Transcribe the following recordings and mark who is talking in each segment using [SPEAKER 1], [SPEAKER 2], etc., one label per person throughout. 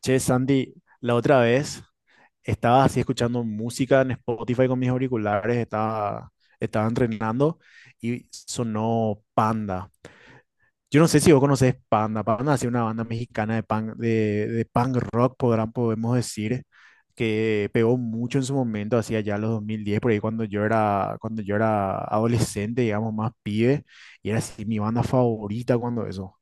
[SPEAKER 1] Che, Sandy, la otra vez estaba así escuchando música en Spotify con mis auriculares, estaba entrenando y sonó Panda. Yo no sé si vos conocés Panda. Panda es una banda mexicana de punk, de punk rock, podemos decir, que pegó mucho en su momento, hacia allá los 2010 por ahí cuando cuando yo era adolescente, digamos, más pibe, y era así mi banda favorita cuando eso.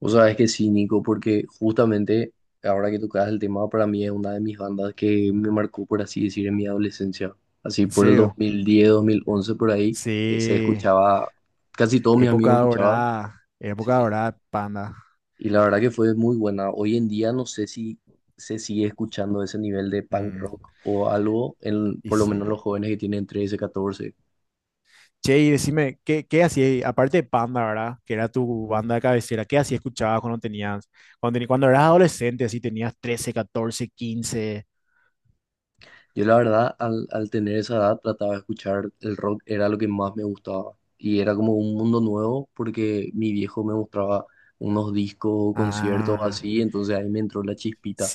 [SPEAKER 2] Vos sabés que sí, Nico, porque justamente ahora que tocas el tema, para mí es una de mis bandas que me marcó, por así decir, en mi adolescencia. Así
[SPEAKER 1] ¿En
[SPEAKER 2] por el
[SPEAKER 1] serio?
[SPEAKER 2] 2010, 2011, por ahí, se
[SPEAKER 1] Sí.
[SPEAKER 2] escuchaba, casi todos mis amigos escuchaban,
[SPEAKER 1] Época
[SPEAKER 2] sí.
[SPEAKER 1] dorada, Panda.
[SPEAKER 2] Y la verdad que fue muy buena. Hoy en día no sé si se sigue escuchando ese nivel de punk
[SPEAKER 1] Mm,
[SPEAKER 2] rock o algo,
[SPEAKER 1] y
[SPEAKER 2] por lo menos
[SPEAKER 1] sí.
[SPEAKER 2] los jóvenes que tienen 13, 14.
[SPEAKER 1] Che, y decime, ¿qué hacías, aparte de Panda, ¿verdad? Que era tu banda de cabecera, ¿qué así escuchabas cuando cuando eras adolescente, así tenías trece catorce quince.
[SPEAKER 2] Yo la verdad, al tener esa edad, trataba de escuchar el rock, era lo que más me gustaba. Y era como un mundo nuevo porque mi viejo me mostraba unos discos o conciertos
[SPEAKER 1] Ah,
[SPEAKER 2] así, entonces ahí me entró la chispita.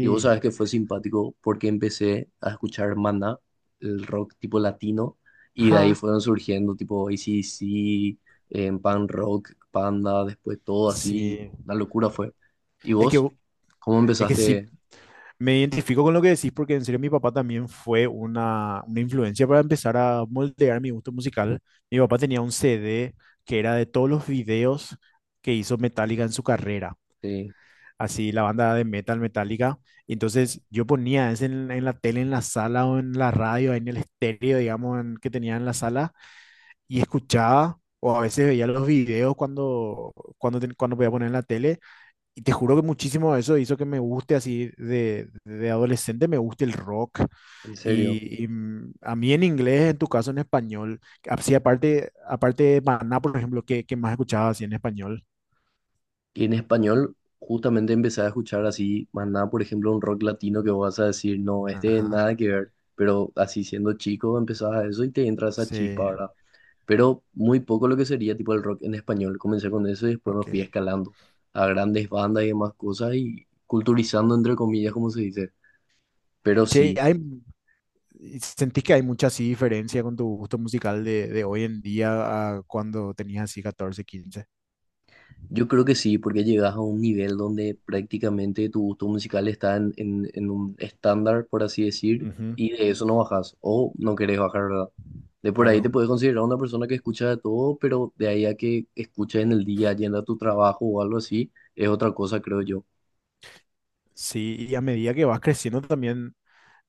[SPEAKER 2] Y vos sabés que fue simpático porque empecé a escuchar Maná, el rock tipo latino, y de ahí
[SPEAKER 1] Ja,
[SPEAKER 2] fueron surgiendo tipo AC/DC, en Pan Rock, Panda, después todo así,
[SPEAKER 1] sí.
[SPEAKER 2] la locura fue. ¿Y
[SPEAKER 1] Es que,
[SPEAKER 2] vos? ¿Cómo
[SPEAKER 1] es que sí,
[SPEAKER 2] empezaste?
[SPEAKER 1] me identifico con lo que decís porque en serio mi papá también fue una influencia para empezar a moldear mi gusto musical. Mi papá tenía un CD que era de todos los videos que hizo Metallica en su carrera,
[SPEAKER 2] eh,
[SPEAKER 1] así la banda de metal Metallica. Entonces yo ponía ese en la tele, en la sala o en la radio, en el estéreo, digamos, que tenía en la sala y escuchaba o a veces veía los videos cuando, cuando podía poner en la tele y te juro que muchísimo eso hizo que me guste así de adolescente, me guste el rock.
[SPEAKER 2] en serio.
[SPEAKER 1] A mí en inglés, en tu caso en español, así aparte, aparte de Maná, por ejemplo, ¿qué más escuchabas así en español?
[SPEAKER 2] Y en español, justamente empecé a escuchar así, más nada, por ejemplo, un rock latino que vos vas a decir, no, este
[SPEAKER 1] Ajá,
[SPEAKER 2] nada que ver, pero así siendo chico empezabas a eso y te entra esa
[SPEAKER 1] sí,
[SPEAKER 2] chispa, ¿verdad? Pero muy poco lo que sería tipo el rock en español. Comencé con eso y después me
[SPEAKER 1] ok.
[SPEAKER 2] fui escalando a grandes bandas y demás cosas y culturizando, entre comillas, como se dice. Pero
[SPEAKER 1] Che,
[SPEAKER 2] sí.
[SPEAKER 1] ¿sentís que hay mucha así diferencia con tu gusto musical de hoy en día a cuando tenías así catorce quince?
[SPEAKER 2] Yo creo que sí, porque llegas a un nivel donde prácticamente tu gusto musical está en un estándar, por así decir,
[SPEAKER 1] Ujú,
[SPEAKER 2] y de eso no bajas, o no querés bajar, ¿verdad? De por ahí te
[SPEAKER 1] claro.
[SPEAKER 2] puedes considerar una persona que escucha de todo, pero de ahí a que escuches en el día, yendo a tu trabajo o algo así, es otra cosa, creo yo.
[SPEAKER 1] Sí, y a medida que vas creciendo también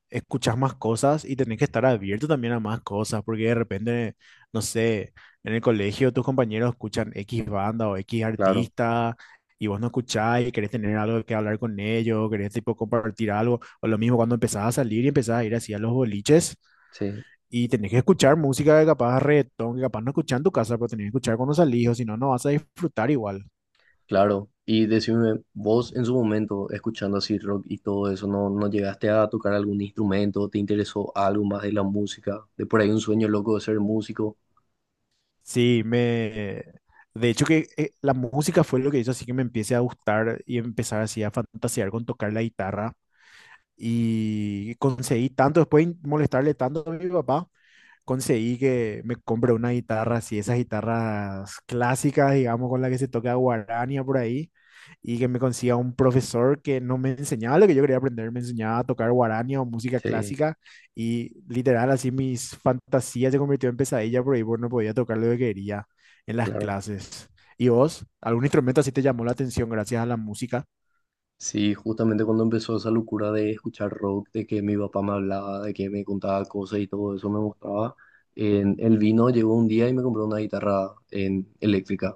[SPEAKER 1] escuchas más cosas y tenés que estar abierto también a más cosas, porque de repente, no sé, en el colegio tus compañeros escuchan X banda o X
[SPEAKER 2] Claro,
[SPEAKER 1] artista y vos no escuchás y querés tener algo que hablar con ellos, querés tipo compartir algo, o lo mismo cuando empezás a salir y empezás a ir así a los boliches
[SPEAKER 2] sí,
[SPEAKER 1] y tenés que escuchar música que capaz reggaetón, que capaz no escuchás en tu casa, pero tenés que escuchar cuando salís o si no, no vas a disfrutar igual.
[SPEAKER 2] claro. Y decime, vos en su momento, escuchando así rock y todo eso, ¿no llegaste a tocar algún instrumento? ¿Te interesó algo más de la música? De por ahí un sueño loco de ser músico.
[SPEAKER 1] Sí, me... De hecho que la música fue lo que hizo así que me empiece a gustar y empezar así a fantasear con tocar la guitarra. Y conseguí tanto, después de molestarle tanto a mi papá, conseguí que me compré una guitarra así, esas guitarras clásicas, digamos, con la que se toca guarania por ahí, y que me consiga un profesor que no me enseñaba lo que yo quería aprender, me enseñaba a tocar guarania o música
[SPEAKER 2] Sí.
[SPEAKER 1] clásica, y literal así mis fantasías se convirtió en pesadilla por ahí, porque no podía tocar lo que quería en las
[SPEAKER 2] Claro,
[SPEAKER 1] clases. ¿Y vos? ¿Algún instrumento así te llamó la atención gracias a la música?
[SPEAKER 2] sí, justamente cuando empezó esa locura de escuchar rock, de que mi papá me hablaba, de que me contaba cosas y todo eso me mostraba, en el vino llegó un día y me compró una guitarra en eléctrica.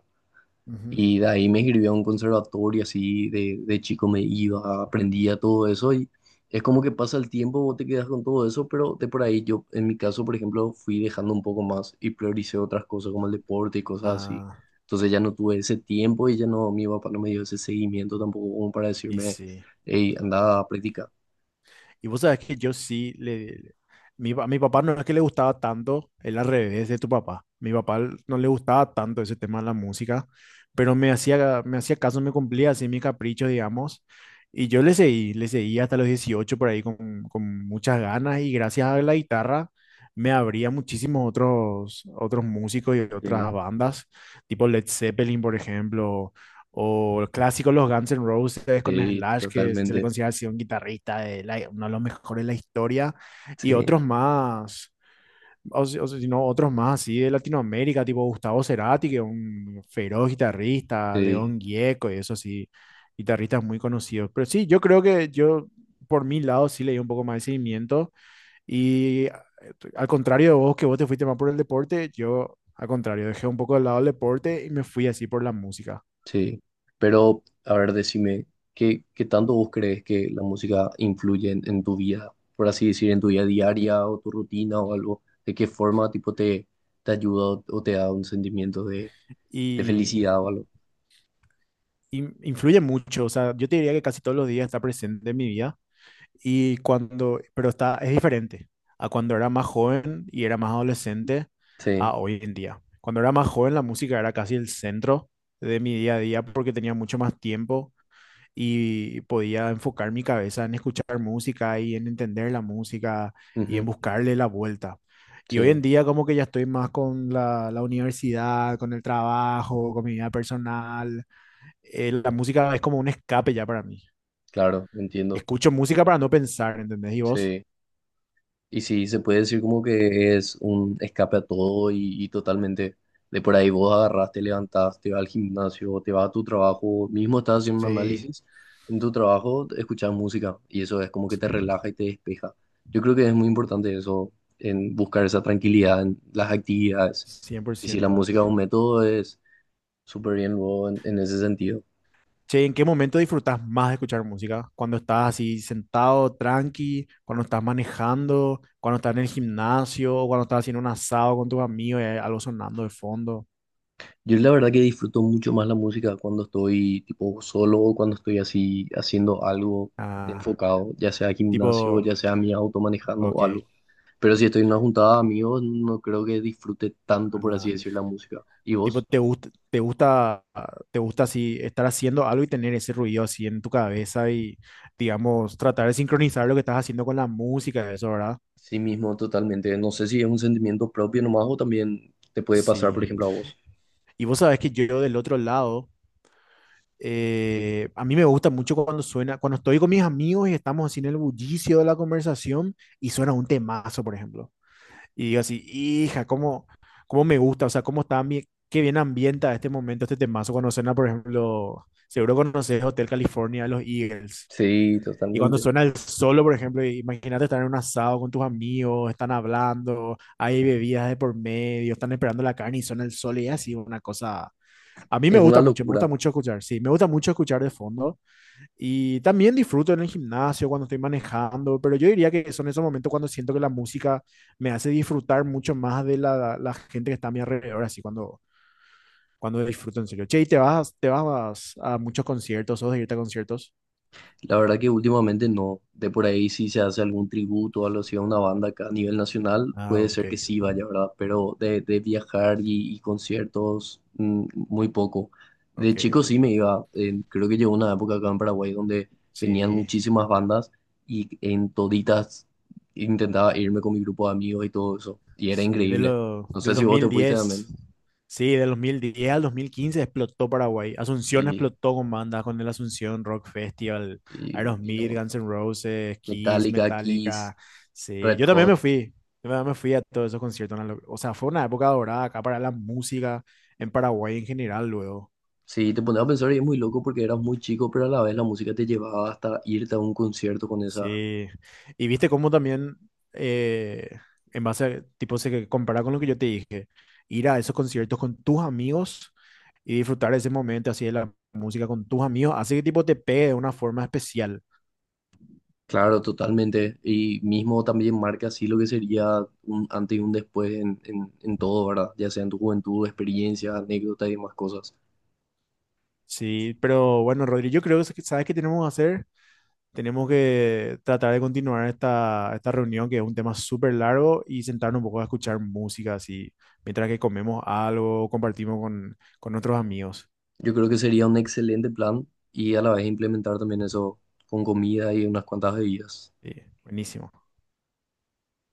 [SPEAKER 1] Ujú.
[SPEAKER 2] Y de ahí me escribí a un conservatorio, así de chico me iba, aprendía todo eso y es como que pasa el tiempo, vos te quedas con todo eso, pero de por ahí yo, en mi caso, por ejemplo, fui dejando un poco más y prioricé otras cosas como el deporte y cosas así.
[SPEAKER 1] Ah,
[SPEAKER 2] Entonces ya no tuve ese tiempo y ya no, mi papá no me dio ese seguimiento tampoco como para
[SPEAKER 1] y
[SPEAKER 2] decirme,
[SPEAKER 1] sí.
[SPEAKER 2] hey, anda a practicar.
[SPEAKER 1] Y vos sabés que yo sí le... Mi papá no es que le gustaba tanto, él al revés de tu papá. Mi papá no le gustaba tanto ese tema de la música, pero me hacía caso, me cumplía así mi capricho, digamos. Y yo le seguí hasta los 18 por ahí con muchas ganas y gracias a la guitarra me abría muchísimos otros músicos y
[SPEAKER 2] Sí.
[SPEAKER 1] otras bandas, tipo Led Zeppelin, por ejemplo, o el clásico Los Guns N' Roses con
[SPEAKER 2] Sí,
[SPEAKER 1] Slash, que se le
[SPEAKER 2] totalmente.
[SPEAKER 1] considera así un guitarrista, uno de los mejores de la historia. Y
[SPEAKER 2] Sí,
[SPEAKER 1] otros más, si o si no, otros más así de Latinoamérica, tipo Gustavo Cerati, que es un feroz guitarrista,
[SPEAKER 2] sí.
[SPEAKER 1] León Gieco y eso sí, guitarristas muy conocidos. Pero sí, yo creo que yo, por mi lado, sí leí un poco más de seguimiento. Y al contrario de vos, que vos te fuiste más por el deporte, yo, al contrario, dejé un poco de lado el deporte y me fui así por la música.
[SPEAKER 2] Sí, pero a ver, decime, ¿qué tanto vos crees que la música influye en tu vida, por así decir, en tu vida diaria o tu rutina o algo? ¿De qué forma tipo te, te ayuda o te da un sentimiento de
[SPEAKER 1] Y
[SPEAKER 2] felicidad o algo?
[SPEAKER 1] influye mucho, o sea, yo te diría que casi todos los días está presente en mi vida y pero está, es diferente a cuando era más joven y era más adolescente
[SPEAKER 2] Sí,
[SPEAKER 1] a hoy en día. Cuando era más joven la música era casi el centro de mi día a día porque tenía mucho más tiempo y podía enfocar mi cabeza en escuchar música y en entender la música y en
[SPEAKER 2] ujú,
[SPEAKER 1] buscarle la vuelta. Y hoy en
[SPEAKER 2] sí,
[SPEAKER 1] día como que ya estoy más con la universidad, con el trabajo, con mi vida personal. La música es como un escape ya para mí.
[SPEAKER 2] claro, entiendo.
[SPEAKER 1] Escucho música para no pensar, ¿entendés? ¿Y vos?
[SPEAKER 2] Sí. Y sí, se puede decir como que es un escape a todo y totalmente de por ahí vos agarrás, te levantás, te vas al gimnasio, te vas a tu trabajo, mismo estás haciendo un
[SPEAKER 1] Sí.
[SPEAKER 2] análisis, en tu trabajo escuchas música y eso es como que te relaja y te despeja. Yo creo que es muy importante eso, en buscar esa tranquilidad en las actividades.
[SPEAKER 1] cien por
[SPEAKER 2] Y si la
[SPEAKER 1] ciento
[SPEAKER 2] música es un método, es súper bien luego en ese sentido.
[SPEAKER 1] Che, ¿en qué momento disfrutás más de escuchar música? ¿Cuando estás así sentado, tranqui? ¿Cuando estás manejando? ¿Cuando estás en el gimnasio? ¿Cuando estás haciendo un asado con tus amigos y hay algo sonando de fondo?
[SPEAKER 2] Yo la verdad que disfruto mucho más la música cuando estoy tipo solo o cuando estoy así haciendo algo
[SPEAKER 1] Ah,
[SPEAKER 2] enfocado, ya sea gimnasio,
[SPEAKER 1] tipo,
[SPEAKER 2] ya sea mi auto manejando o
[SPEAKER 1] ok.
[SPEAKER 2] algo. Pero si estoy en una juntada de amigos, no creo que disfrute tanto, por así
[SPEAKER 1] Ah,
[SPEAKER 2] decir, la música. ¿Y
[SPEAKER 1] tipo,
[SPEAKER 2] vos?
[SPEAKER 1] te gusta así estar haciendo algo y tener ese ruido así en tu cabeza y, digamos, tratar de sincronizar lo que estás haciendo con la música, eso, ¿verdad?
[SPEAKER 2] Sí mismo, totalmente. No sé si es un sentimiento propio nomás o también te puede pasar,
[SPEAKER 1] Sí.
[SPEAKER 2] por ejemplo, a vos.
[SPEAKER 1] Y vos sabés que yo del otro lado, a mí me gusta mucho cuando suena, cuando estoy con mis amigos y estamos así en el bullicio de la conversación y suena un temazo, por ejemplo. Y digo así, hija, cómo me gusta, o sea, cómo está bien, qué bien ambienta este momento, este temazo cuando suena, por ejemplo, seguro conoces Hotel California de los Eagles.
[SPEAKER 2] Sí,
[SPEAKER 1] Y cuando
[SPEAKER 2] totalmente.
[SPEAKER 1] suena el solo, por ejemplo, imagínate estar en un asado con tus amigos, están hablando, hay bebidas de por medio, están esperando la carne y suena el solo y es así, una cosa... A mí
[SPEAKER 2] Es una
[SPEAKER 1] me
[SPEAKER 2] locura.
[SPEAKER 1] gusta mucho escuchar, sí, me gusta mucho escuchar de fondo y también disfruto en el gimnasio cuando estoy manejando, pero yo diría que son esos momentos cuando siento que la música me hace disfrutar mucho más de la gente que está a mi alrededor, así cuando disfruto en serio. Che, te vas a muchos conciertos o de irte a conciertos?
[SPEAKER 2] La verdad que últimamente no. De por ahí si se hace algún tributo o algo así a una banda acá a nivel nacional,
[SPEAKER 1] Ah,
[SPEAKER 2] puede
[SPEAKER 1] ok,
[SPEAKER 2] ser que sí vaya, ¿verdad? Pero de viajar y conciertos, mm, muy poco. De chico sí me
[SPEAKER 1] ok.
[SPEAKER 2] iba. Creo que llegó una época acá en Paraguay donde venían
[SPEAKER 1] Sí,
[SPEAKER 2] muchísimas bandas y en toditas intentaba irme con mi grupo de amigos y todo eso. Y era
[SPEAKER 1] sí,
[SPEAKER 2] increíble. No
[SPEAKER 1] del
[SPEAKER 2] sé si vos te fuiste también.
[SPEAKER 1] 2010. Sí, del 2010 al 2015 explotó Paraguay. Asunción
[SPEAKER 2] Y,
[SPEAKER 1] explotó con bandas, con el Asunción Rock Festival,
[SPEAKER 2] y
[SPEAKER 1] Aerosmith,
[SPEAKER 2] no.
[SPEAKER 1] Guns N' Roses, Kiss,
[SPEAKER 2] Metallica, Kiss,
[SPEAKER 1] Metallica. Sí,
[SPEAKER 2] Red
[SPEAKER 1] yo también
[SPEAKER 2] Hot.
[SPEAKER 1] me fui. Yo también me fui a todos esos conciertos. O sea, fue una época dorada acá para la música en Paraguay en general, luego.
[SPEAKER 2] Sí, te pones a pensar y es muy loco porque eras muy chico, pero a la vez la música te llevaba hasta irte a un concierto con esa.
[SPEAKER 1] Sí, y viste cómo también, eh, en base a, tipo, se que compara con lo que yo te dije, ir a esos conciertos con tus amigos y disfrutar de ese momento así de la música con tus amigos, hace que tipo te pegue de una forma especial.
[SPEAKER 2] Claro, totalmente. Y mismo también marca así lo que sería un antes y un después en todo, ¿verdad? Ya sea en tu juventud, experiencia, anécdotas y demás cosas.
[SPEAKER 1] Sí, pero bueno, Rodri, yo creo que sabes qué tenemos que hacer. Tenemos que tratar de continuar esta reunión, que es un tema súper largo, y sentarnos un poco a escuchar música así, mientras que comemos algo, compartimos con otros amigos.
[SPEAKER 2] Yo creo que sería un excelente plan y a la vez implementar también eso con comida y unas cuantas bebidas.
[SPEAKER 1] Sí, buenísimo.